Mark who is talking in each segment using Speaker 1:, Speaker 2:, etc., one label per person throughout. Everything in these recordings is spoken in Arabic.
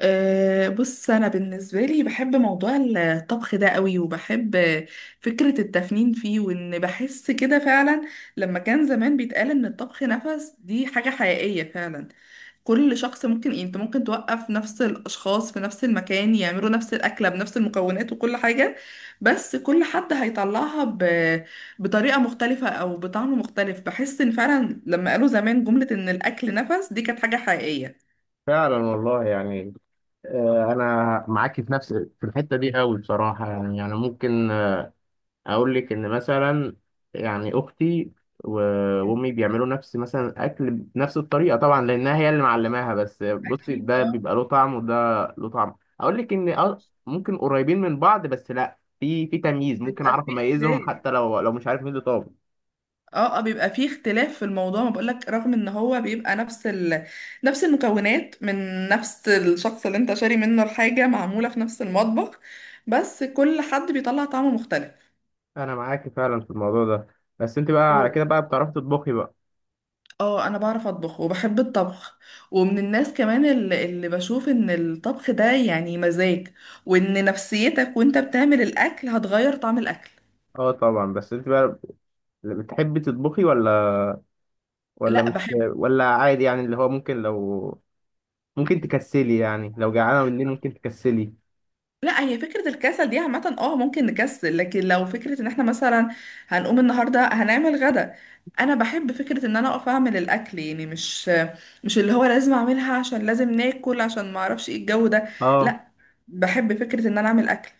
Speaker 1: أه، بص، أنا بالنسبة لي بحب موضوع الطبخ ده قوي وبحب فكرة التفنين فيه، وإن بحس كده فعلا لما كان زمان بيتقال إن الطبخ نفس دي حاجة حقيقية. فعلا كل شخص ممكن، يعني أنت ممكن توقف نفس الأشخاص في نفس المكان يعملوا نفس الأكلة بنفس المكونات وكل حاجة، بس كل حد هيطلعها بطريقة مختلفة أو بطعم مختلف. بحس إن فعلا لما قالوا زمان جملة إن الأكل نفس دي كانت حاجة حقيقية.
Speaker 2: فعلا والله يعني. انا معاكي في الحته دي قوي بصراحه، يعني ممكن، اقول لك ان مثلا يعني اختي و- وامي بيعملوا نفس مثلا اكل بنفس الطريقه، طبعا لانها هي اللي معلماها. بس بصي،
Speaker 1: أكيد
Speaker 2: ده
Speaker 1: اه.
Speaker 2: بيبقى له طعم وده له طعم. اقول لك ان ممكن قريبين من بعض، بس لا، في تمييز، ممكن
Speaker 1: بيبقى
Speaker 2: اعرف
Speaker 1: فيه
Speaker 2: اميزهم
Speaker 1: اختلاف.
Speaker 2: حتى لو مش عارف مين اللي طابخ.
Speaker 1: اه اه، بيبقى فيه اختلاف في الموضوع ما بقولك، رغم ان هو بيبقى نفس نفس المكونات من نفس الشخص اللي انت شاري منه الحاجة، معمولة في نفس المطبخ، بس كل حد بيطلع طعم مختلف.
Speaker 2: انا معاكي فعلا في الموضوع ده. بس انت بقى على كده
Speaker 1: و...
Speaker 2: بقى بتعرفي تطبخي بقى؟
Speaker 1: اه، انا بعرف اطبخ وبحب الطبخ، ومن الناس كمان اللي بشوف ان الطبخ ده يعني مزاج، وان نفسيتك وانت بتعمل الاكل هتغير طعم الاكل.
Speaker 2: اه طبعا. بس انت بقى بتحبي تطبخي ولا
Speaker 1: لا،
Speaker 2: مش
Speaker 1: بحب.
Speaker 2: ولا عادي؟ يعني اللي هو ممكن تكسلي، يعني لو جعانة بالليل ممكن تكسلي؟
Speaker 1: لا، هي فكرة الكسل دي عامة، اه ممكن نكسل، لكن لو فكرة ان احنا مثلا هنقوم النهاردة هنعمل غدا، انا بحب فكرة ان انا اقف اعمل الاكل. يعني مش اللي هو لازم اعملها عشان لازم ناكل، عشان ما اعرفش ايه الجو ده.
Speaker 2: اه
Speaker 1: لا، بحب فكرة ان انا اعمل اكل.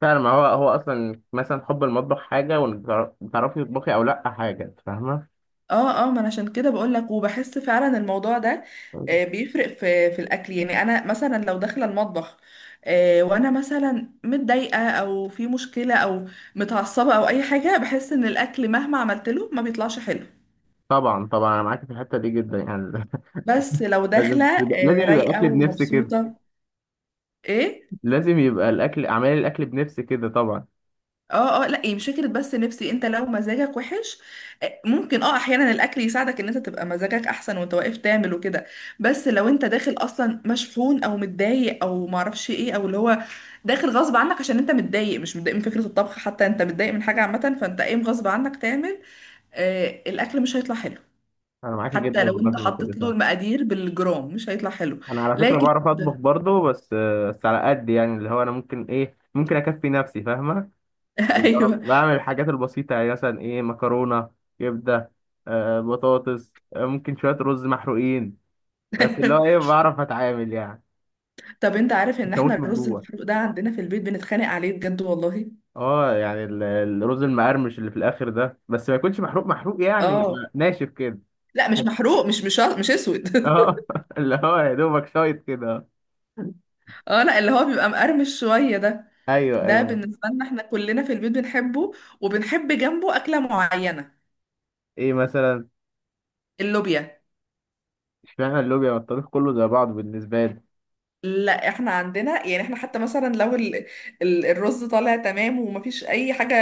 Speaker 2: فعلا. ما هو اصلا مثلا حب المطبخ حاجة وتعرفي تطبخي او لا حاجة، فاهمة؟
Speaker 1: اه اه، ما انا عشان كده بقول لك، وبحس فعلا الموضوع ده بيفرق في الاكل. يعني انا مثلا لو داخله المطبخ وانا مثلا متضايقه، او في مشكله، او متعصبه، او اي حاجه، بحس ان الاكل مهما عملت له ما بيطلعش حلو.
Speaker 2: طبعا طبعا، انا معاك في الحتة دي جدا يعني.
Speaker 1: بس لو
Speaker 2: لازم
Speaker 1: داخله
Speaker 2: يبقى لازم يبقى
Speaker 1: رايقه
Speaker 2: الاكل بنفس كده.
Speaker 1: ومبسوطه. ايه.
Speaker 2: لازم يبقى اعمال الاكل بنفس كده طبعا.
Speaker 1: اه اه، لا إيه، مش فكره، بس نفسي انت لو مزاجك وحش ممكن، اه احيانا الاكل يساعدك ان انت تبقى مزاجك احسن وانت واقف تعمل وكده. بس لو انت داخل اصلا مشحون او متضايق او معرفش ايه، او اللي هو داخل غصب عنك، عشان انت متضايق، مش متضايق من فكره الطبخ، حتى انت متضايق من حاجه عامه، فانت قايم غصب عنك تعمل. الاكل مش هيطلع حلو.
Speaker 2: انا معاك
Speaker 1: حتى
Speaker 2: جدا
Speaker 1: لو
Speaker 2: والله
Speaker 1: انت
Speaker 2: في النقطة دي
Speaker 1: حطيت له
Speaker 2: فعلا.
Speaker 1: المقادير بالجرام مش هيطلع حلو.
Speaker 2: انا على فكرة
Speaker 1: لكن
Speaker 2: بعرف اطبخ برضه، بس على قد يعني اللي هو انا ممكن ايه، ممكن اكفي نفسي، فاهمة. اللي
Speaker 1: ايوه.
Speaker 2: هو بعمل الحاجات البسيطة، يعني مثلا إيه، مكرونة، كبدة، بطاطس، ممكن شوية رز محروقين. بس اللي هو إيه، بعرف أتعامل يعني.
Speaker 1: طب انت عارف ان
Speaker 2: مش
Speaker 1: احنا
Speaker 2: هموت من
Speaker 1: الرز
Speaker 2: جوه.
Speaker 1: المحروق ده عندنا في البيت بنتخانق عليه بجد والله.
Speaker 2: اه، يعني الرز المقرمش اللي في الآخر ده، بس ما يكونش محروق محروق، يعني
Speaker 1: اه،
Speaker 2: يبقى ناشف كده.
Speaker 1: لا مش محروق، مش اسود.
Speaker 2: اه اللي هو يا دوبك شايط كده.
Speaker 1: اه، لا اللي هو بيبقى مقرمش شويه ده.
Speaker 2: ايوه
Speaker 1: ده
Speaker 2: ايوه.
Speaker 1: بالنسبه لنا احنا كلنا في البيت بنحبه، وبنحب جنبه اكله معينه.
Speaker 2: ايه مثلا؟
Speaker 1: اللوبيا.
Speaker 2: اشمعنى اللوبيا والطبيخ كله زي بعض بالنسبة لي.
Speaker 1: لا، احنا عندنا يعني احنا حتى مثلا لو الرز طالع تمام ومفيش اي حاجه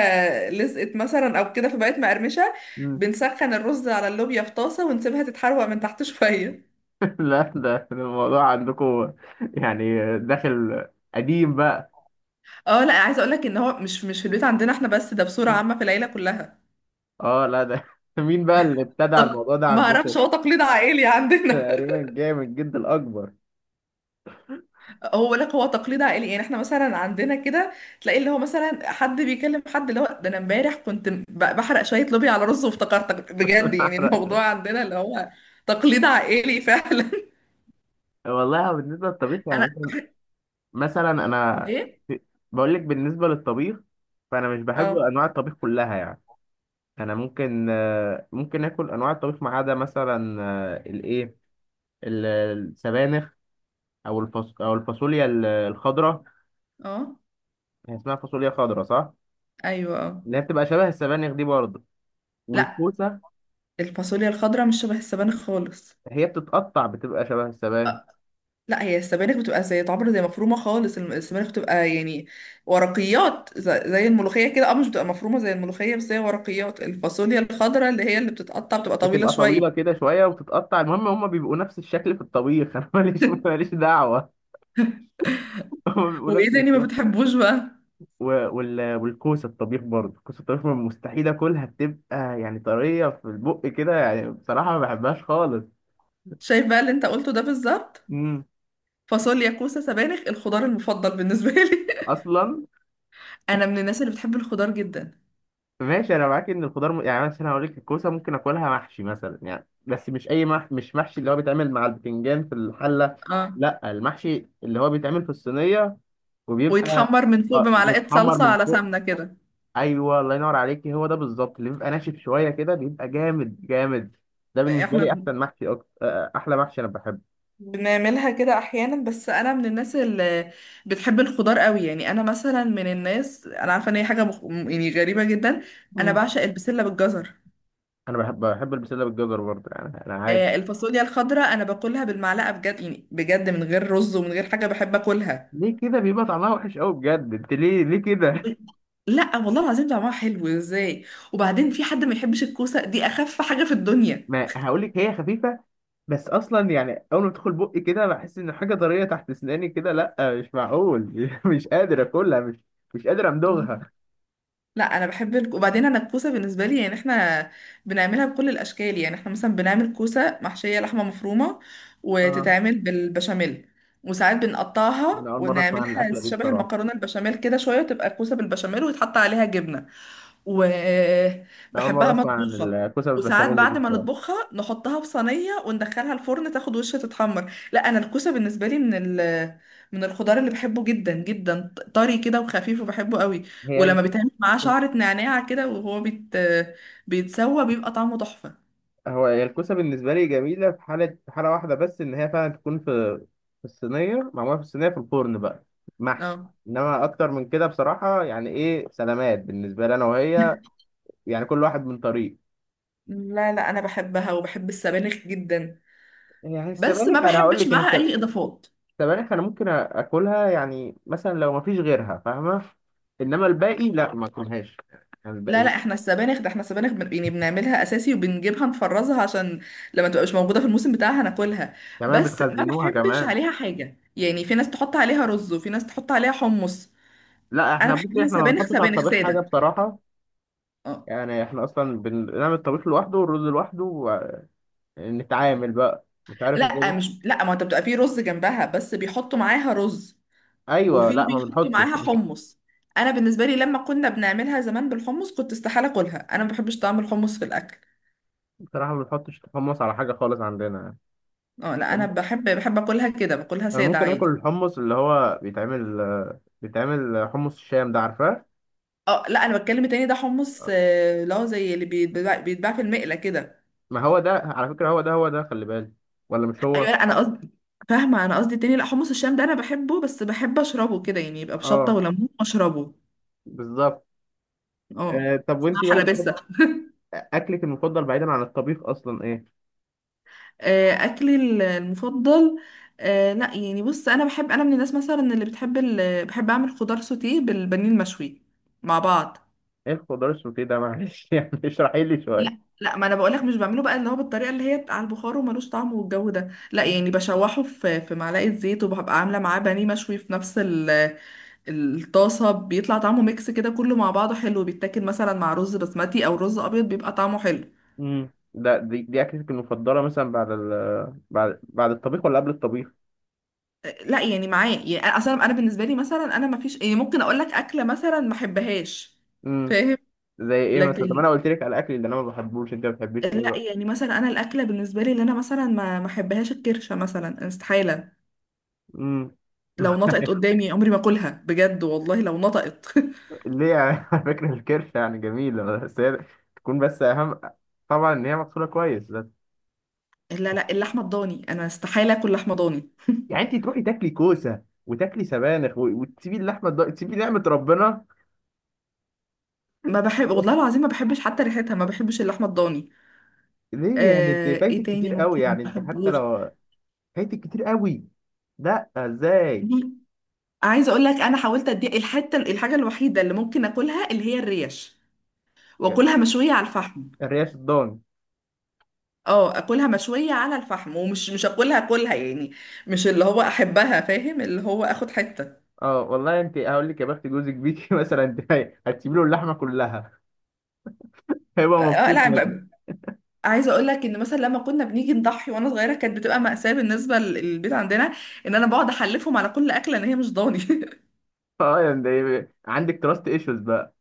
Speaker 1: لزقت مثلا او كده فبقت مقرمشه،
Speaker 2: مم.
Speaker 1: بنسخن الرز على اللوبيا في طاسه ونسيبها تتحروق من تحت شويه.
Speaker 2: لا، ده الموضوع عندكم يعني داخل قديم بقى.
Speaker 1: اه، لا عايزه اقول لك ان هو مش في البيت عندنا احنا بس، ده بصوره عامه في العيله كلها.
Speaker 2: اه، لا، ده مين بقى اللي ابتدع
Speaker 1: طب
Speaker 2: الموضوع ده
Speaker 1: ما اعرفش،
Speaker 2: عندكم؟
Speaker 1: هو تقليد عائلي عندنا.
Speaker 2: تقريبا جاي من الجد الأكبر.
Speaker 1: هو لك، هو تقليد عائلي. يعني احنا مثلا عندنا كده تلاقي اللي هو مثلا حد بيكلم حد اللي هو: ده انا امبارح كنت بحرق شويه لوبيا على رز، وافتكرتك بجد. يعني الموضوع عندنا اللي هو تقليد عائلي فعلا.
Speaker 2: والله بالنسبة للطبيخ يعني
Speaker 1: انا.
Speaker 2: مثلا أنا
Speaker 1: ايه.
Speaker 2: بقول لك بالنسبة للطبيخ، فأنا مش بحب
Speaker 1: اه
Speaker 2: أنواع الطبيخ كلها يعني. أنا ممكن آكل أنواع الطبيخ ما عدا مثلا، الإيه، السبانخ، أو الفاصوليا الخضراء.
Speaker 1: اه.
Speaker 2: هي اسمها فاصوليا خضراء صح؟
Speaker 1: ايوه. اه.
Speaker 2: اللي هي بتبقى شبه السبانخ دي برضه.
Speaker 1: لا،
Speaker 2: والكوسة،
Speaker 1: الفاصوليا الخضراء مش شبه السبانخ خالص.
Speaker 2: هي بتتقطع بتبقى شبه السبانخ.
Speaker 1: لا، هي السبانخ بتبقى زي تعبر، زي مفرومه خالص. السبانخ بتبقى يعني ورقيات، زي الملوخيه كده. اه، مش بتبقى مفرومه زي الملوخيه، بس هي ورقيات. الفاصوليا الخضراء اللي هي اللي بتتقطع بتبقى طويله
Speaker 2: بتبقى طويلة
Speaker 1: شويه.
Speaker 2: كده شوية وبتتقطع، المهم هما بيبقوا نفس الشكل في الطبيخ. أنا ماليش ماليش دعوة، هما بيبقوا
Speaker 1: وايه
Speaker 2: نفس
Speaker 1: تاني ما
Speaker 2: الشكل.
Speaker 1: بتحبوش بقى؟
Speaker 2: و... والكوسة الطبيخ برضه، كوسة الطبيخ مستحيل آكلها، بتبقى يعني طرية في البق كده يعني، بصراحة ما بحبهاش خالص.
Speaker 1: شايف بقى اللي انت قلته ده بالظبط.
Speaker 2: امم.
Speaker 1: فاصوليا، كوسه، سبانخ، الخضار المفضل بالنسبه لي.
Speaker 2: أصلا
Speaker 1: انا من الناس اللي بتحب الخضار جدا.
Speaker 2: ماشي، أنا معاك إن الخضار، يعني مثلا هقول لك الكوسة ممكن آكلها محشي مثلا يعني، بس مش أي مش محشي اللي هو بيتعمل مع البتنجان في الحلة،
Speaker 1: اه.
Speaker 2: لا، المحشي اللي هو بيتعمل في الصينية وبيبقى
Speaker 1: ويتحمر من فوق بمعلقه
Speaker 2: متحمر
Speaker 1: صلصه
Speaker 2: من
Speaker 1: على
Speaker 2: فوق.
Speaker 1: سمنه كده.
Speaker 2: ايوه، الله ينور عليك، هو ده بالظبط، اللي بيبقى ناشف شويه كده، بيبقى جامد جامد. ده بالنسبه لي
Speaker 1: احنا
Speaker 2: احسن محشي أكتر. احلى محشي انا بحبه.
Speaker 1: بنعملها كده احيانا، بس انا من الناس اللي بتحب الخضار قوي. يعني انا مثلا من الناس، انا عارفه ان هي حاجه يعني غريبه جدا. انا
Speaker 2: مم.
Speaker 1: بعشق البسله بالجزر.
Speaker 2: انا بحب البسله بالجزر برضه يعني انا عارف.
Speaker 1: الفاصوليا الخضراء انا باكلها بالمعلقه بجد، يعني بجد من غير رز ومن غير حاجه بحب اكلها.
Speaker 2: ليه كده بيبقى طعمها وحش قوي بجد؟ انت ليه كده؟
Speaker 1: لا والله العظيم طعمها حلو ازاي. وبعدين في حد ما يحبش الكوسه دي؟ اخف حاجه في الدنيا.
Speaker 2: ما هقول لك هي خفيفه، بس اصلا يعني اول ما تدخل بقي كده بحس ان حاجه طريه تحت اسناني كده، لا مش معقول. مش قادر اكلها، مش قادر
Speaker 1: مم.
Speaker 2: امضغها.
Speaker 1: لا، انا بحب وبعدين انا الكوسه بالنسبه لي، يعني احنا بنعملها بكل الاشكال. يعني احنا مثلا بنعمل كوسه محشيه لحمه مفرومه
Speaker 2: اه،
Speaker 1: وتتعمل بالبشاميل، وساعات
Speaker 2: انا
Speaker 1: بنقطعها
Speaker 2: اول مره اسمع عن
Speaker 1: ونعملها
Speaker 2: الاكله دي
Speaker 1: شبه
Speaker 2: بصراحه.
Speaker 1: المكرونه البشاميل كده شويه، وتبقى كوسه بالبشاميل ويتحط عليها جبنه.
Speaker 2: انا اول مره
Speaker 1: وبحبها
Speaker 2: اسمع عن
Speaker 1: مطبوخة.
Speaker 2: الكوسه
Speaker 1: وساعات
Speaker 2: بالبشاميل دي
Speaker 1: بعد ما
Speaker 2: بصراحه.
Speaker 1: نطبخها نحطها في صينية وندخلها الفرن تاخد وش تتحمر. لا، انا الكوسة بالنسبة لي ال من الخضار اللي بحبه جدا جدا. طري كده وخفيف، وبحبه قوي.
Speaker 2: هي
Speaker 1: ولما
Speaker 2: الكوسه
Speaker 1: بيتعمل معاه شعرة نعناع كده وهو بيتسوى، بيبقى طعمه تحفة.
Speaker 2: هو، هي الكوسة بالنسبة لي جميلة في حالة واحدة بس، إن هي فعلا تكون في الصينية، معمولة في الصينية في الفرن بقى محشي.
Speaker 1: اه.
Speaker 2: إنما أكتر من كده بصراحة يعني إيه، سلامات بالنسبة لي أنا وهي، يعني كل واحد من طريق.
Speaker 1: لا لا، انا بحبها، وبحب السبانخ جدا،
Speaker 2: يعني
Speaker 1: بس ما
Speaker 2: السبانخ أنا هقول
Speaker 1: بحبش
Speaker 2: لك إن
Speaker 1: معاها اي اضافات.
Speaker 2: السبانخ أنا ممكن آكلها يعني مثلا لو مفيش غيرها، فاهمة. إنما الباقي لا ما آكلهاش، يعني
Speaker 1: لا
Speaker 2: الباقي.
Speaker 1: لا، احنا السبانخ ده، احنا السبانخ يعني بنعملها اساسي، وبنجيبها نفرزها عشان لما تبقى مش موجوده في الموسم بتاعها ناكلها.
Speaker 2: كمان
Speaker 1: بس ما
Speaker 2: بتخزنوها
Speaker 1: بحبش
Speaker 2: كمان؟
Speaker 1: عليها حاجه، يعني في ناس تحط عليها رز، وفي ناس تحط عليها حمص.
Speaker 2: لا
Speaker 1: انا
Speaker 2: إحنا بصي،
Speaker 1: بحبها
Speaker 2: إحنا ما
Speaker 1: سبانخ،
Speaker 2: بنحطش على
Speaker 1: سبانخ
Speaker 2: الطبيخ حاجة
Speaker 1: ساده.
Speaker 2: بصراحة،
Speaker 1: اه.
Speaker 2: يعني احنا اصلا بنعمل الطبيخ لوحده والرز لوحده، نتعامل بقى مش عارف ازاي
Speaker 1: لا مش،
Speaker 2: بس.
Speaker 1: لا ما انت بتبقى في رز جنبها، بس بيحطوا معاها رز،
Speaker 2: ايوه،
Speaker 1: وفي
Speaker 2: لا ما
Speaker 1: بيحطوا
Speaker 2: بنحطش.
Speaker 1: معاها حمص. انا بالنسبه لي لما كنا بنعملها زمان بالحمص كنت استحاله اكلها، انا ما بحبش طعم الحمص في الاكل.
Speaker 2: بصراحه ما بنحطش حمص على حاجه خالص عندنا يعني.
Speaker 1: اه، لا انا بحب اكلها كده، باكلها
Speaker 2: انا
Speaker 1: ساده
Speaker 2: ممكن اكل
Speaker 1: عادي.
Speaker 2: الحمص اللي هو بيتعمل حمص الشام ده عارفاه؟
Speaker 1: اه، لا انا بتكلم التاني ده، حمص اللي هو زي اللي بيتباع في المقلة كده.
Speaker 2: ما هو ده على فكره، هو ده هو ده، خلي بالك. ولا مش
Speaker 1: ايوه،
Speaker 2: هو؟
Speaker 1: لا انا قصدي، فاهمة؟ انا قصدي التاني. لا، حمص الشام ده انا بحبه، بس بحب اشربه كده، يعني يبقى بشطة
Speaker 2: اه
Speaker 1: وليمون واشربه.
Speaker 2: بالظبط.
Speaker 1: اه،
Speaker 2: طب
Speaker 1: اسمها
Speaker 2: وانت بقى
Speaker 1: حلبسة.
Speaker 2: اكلك المفضل بعيدا عن الطبيخ اصلا ايه؟
Speaker 1: اكلي المفضل. لا يعني بص، انا بحب، انا من الناس مثلا اللي بتحب بحب اعمل خضار سوتيه بالبانيه المشوي مع بعض.
Speaker 2: ايه الخضار السوتيه ده؟ معلش يعني اشرحي لي شويه.
Speaker 1: لا لا، ما انا بقولك مش بعمله بقى اللي هو بالطريقه اللي هي على البخار وملوش طعم والجو ده، لا. يعني بشوحه في معلقه زيت، وببقى عامله معاه بانيه مشوي في نفس الطاسه، بيطلع طعمه ميكس كده كله مع بعضه حلو. بيتاكل مثلا مع رز بسمتي او رز ابيض، بيبقى طعمه حلو.
Speaker 2: دي اكلتك المفضله مثلا بعد ال بعد بعد الطبيخ ولا قبل الطبيخ؟
Speaker 1: لا يعني معاه يعني اصلا انا بالنسبه لي مثلا، انا ما فيش يعني ممكن اقول لك اكله مثلا ما احبهاش، فاهم؟
Speaker 2: زي ايه مثلا؟ طب انا
Speaker 1: لكن،
Speaker 2: قلت لك على اكل اللي انا ما بحبوش، انت ما بتحبيش ايه
Speaker 1: لا
Speaker 2: بقى؟
Speaker 1: يعني مثلا انا الاكله بالنسبه لي اللي انا مثلا ما احبهاش الكرشه مثلا، استحاله.
Speaker 2: امم.
Speaker 1: لو نطقت قدامي عمري ما اكلها، بجد والله لو نطقت.
Speaker 2: ليه يعني؟ على فكره الكرشه يعني جميله، بس هي تكون بس اهم، طبعا ان هي مغسوله كويس بس.
Speaker 1: لا لا، اللحمه الضاني انا استحاله اكل لحمه ضاني.
Speaker 2: يعني انت تروحي تاكلي كوسه وتاكلي سبانخ وتسيبي اللحمه تسيبي نعمه ربنا؟
Speaker 1: ما بحب، والله العظيم ما بحبش حتى ريحتها، ما بحبش اللحمه الضاني.
Speaker 2: ليه يعني انت
Speaker 1: ايه
Speaker 2: فايتك
Speaker 1: تاني
Speaker 2: كتير قوي،
Speaker 1: ممكن ما
Speaker 2: يعني انت حتى
Speaker 1: بحبوش؟
Speaker 2: لو، فايتك كتير قوي. لا ازاي؟
Speaker 1: دي، عايزه اقول لك انا حاولت، ادي الحته، الحاجه الوحيده اللي ممكن اكلها اللي هي الريش، واكلها مشويه على الفحم.
Speaker 2: الريش الضان؟
Speaker 1: اه، اكلها مشويه على الفحم، ومش مش اكلها اكلها يعني، مش اللي هو احبها، فاهم؟ اللي هو اخد حته.
Speaker 2: اه والله انت هقول لك يا بخت جوزك بيكي. مثلا انت هتسيبي له اللحمه كلها هيبقى مبسوط.
Speaker 1: لا، عايزه اقول لك ان مثلا لما كنا بنيجي نضحي وانا صغيره كانت بتبقى مأساة بالنسبه للبيت عندنا، ان انا بقعد احلفهم على كل اكله ان هي مش ضاني.
Speaker 2: اه، يعني ده عندك تراست ايشوز بقى.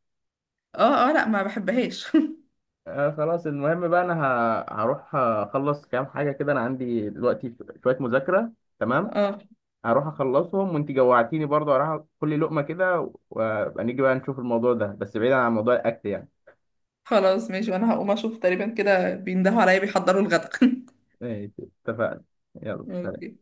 Speaker 1: اه اه، لا ما بحبهاش.
Speaker 2: آه خلاص، المهم بقى انا هروح اخلص كام حاجه كده، انا عندي دلوقتي شويه مذاكره. تمام.
Speaker 1: اه
Speaker 2: هروح اخلصهم وانت جوعتيني برضه، هروح كل لقمه كده وابقى نيجي بقى نشوف الموضوع ده، بس بعيدا عن موضوع الاكل يعني.
Speaker 1: خلاص، ماشي، وانا هقوم اشوف تقريبا كده بيندهوا عليا بيحضروا الغدا.
Speaker 2: ماشي، اتفقنا، يلا. سلام.
Speaker 1: اوكي.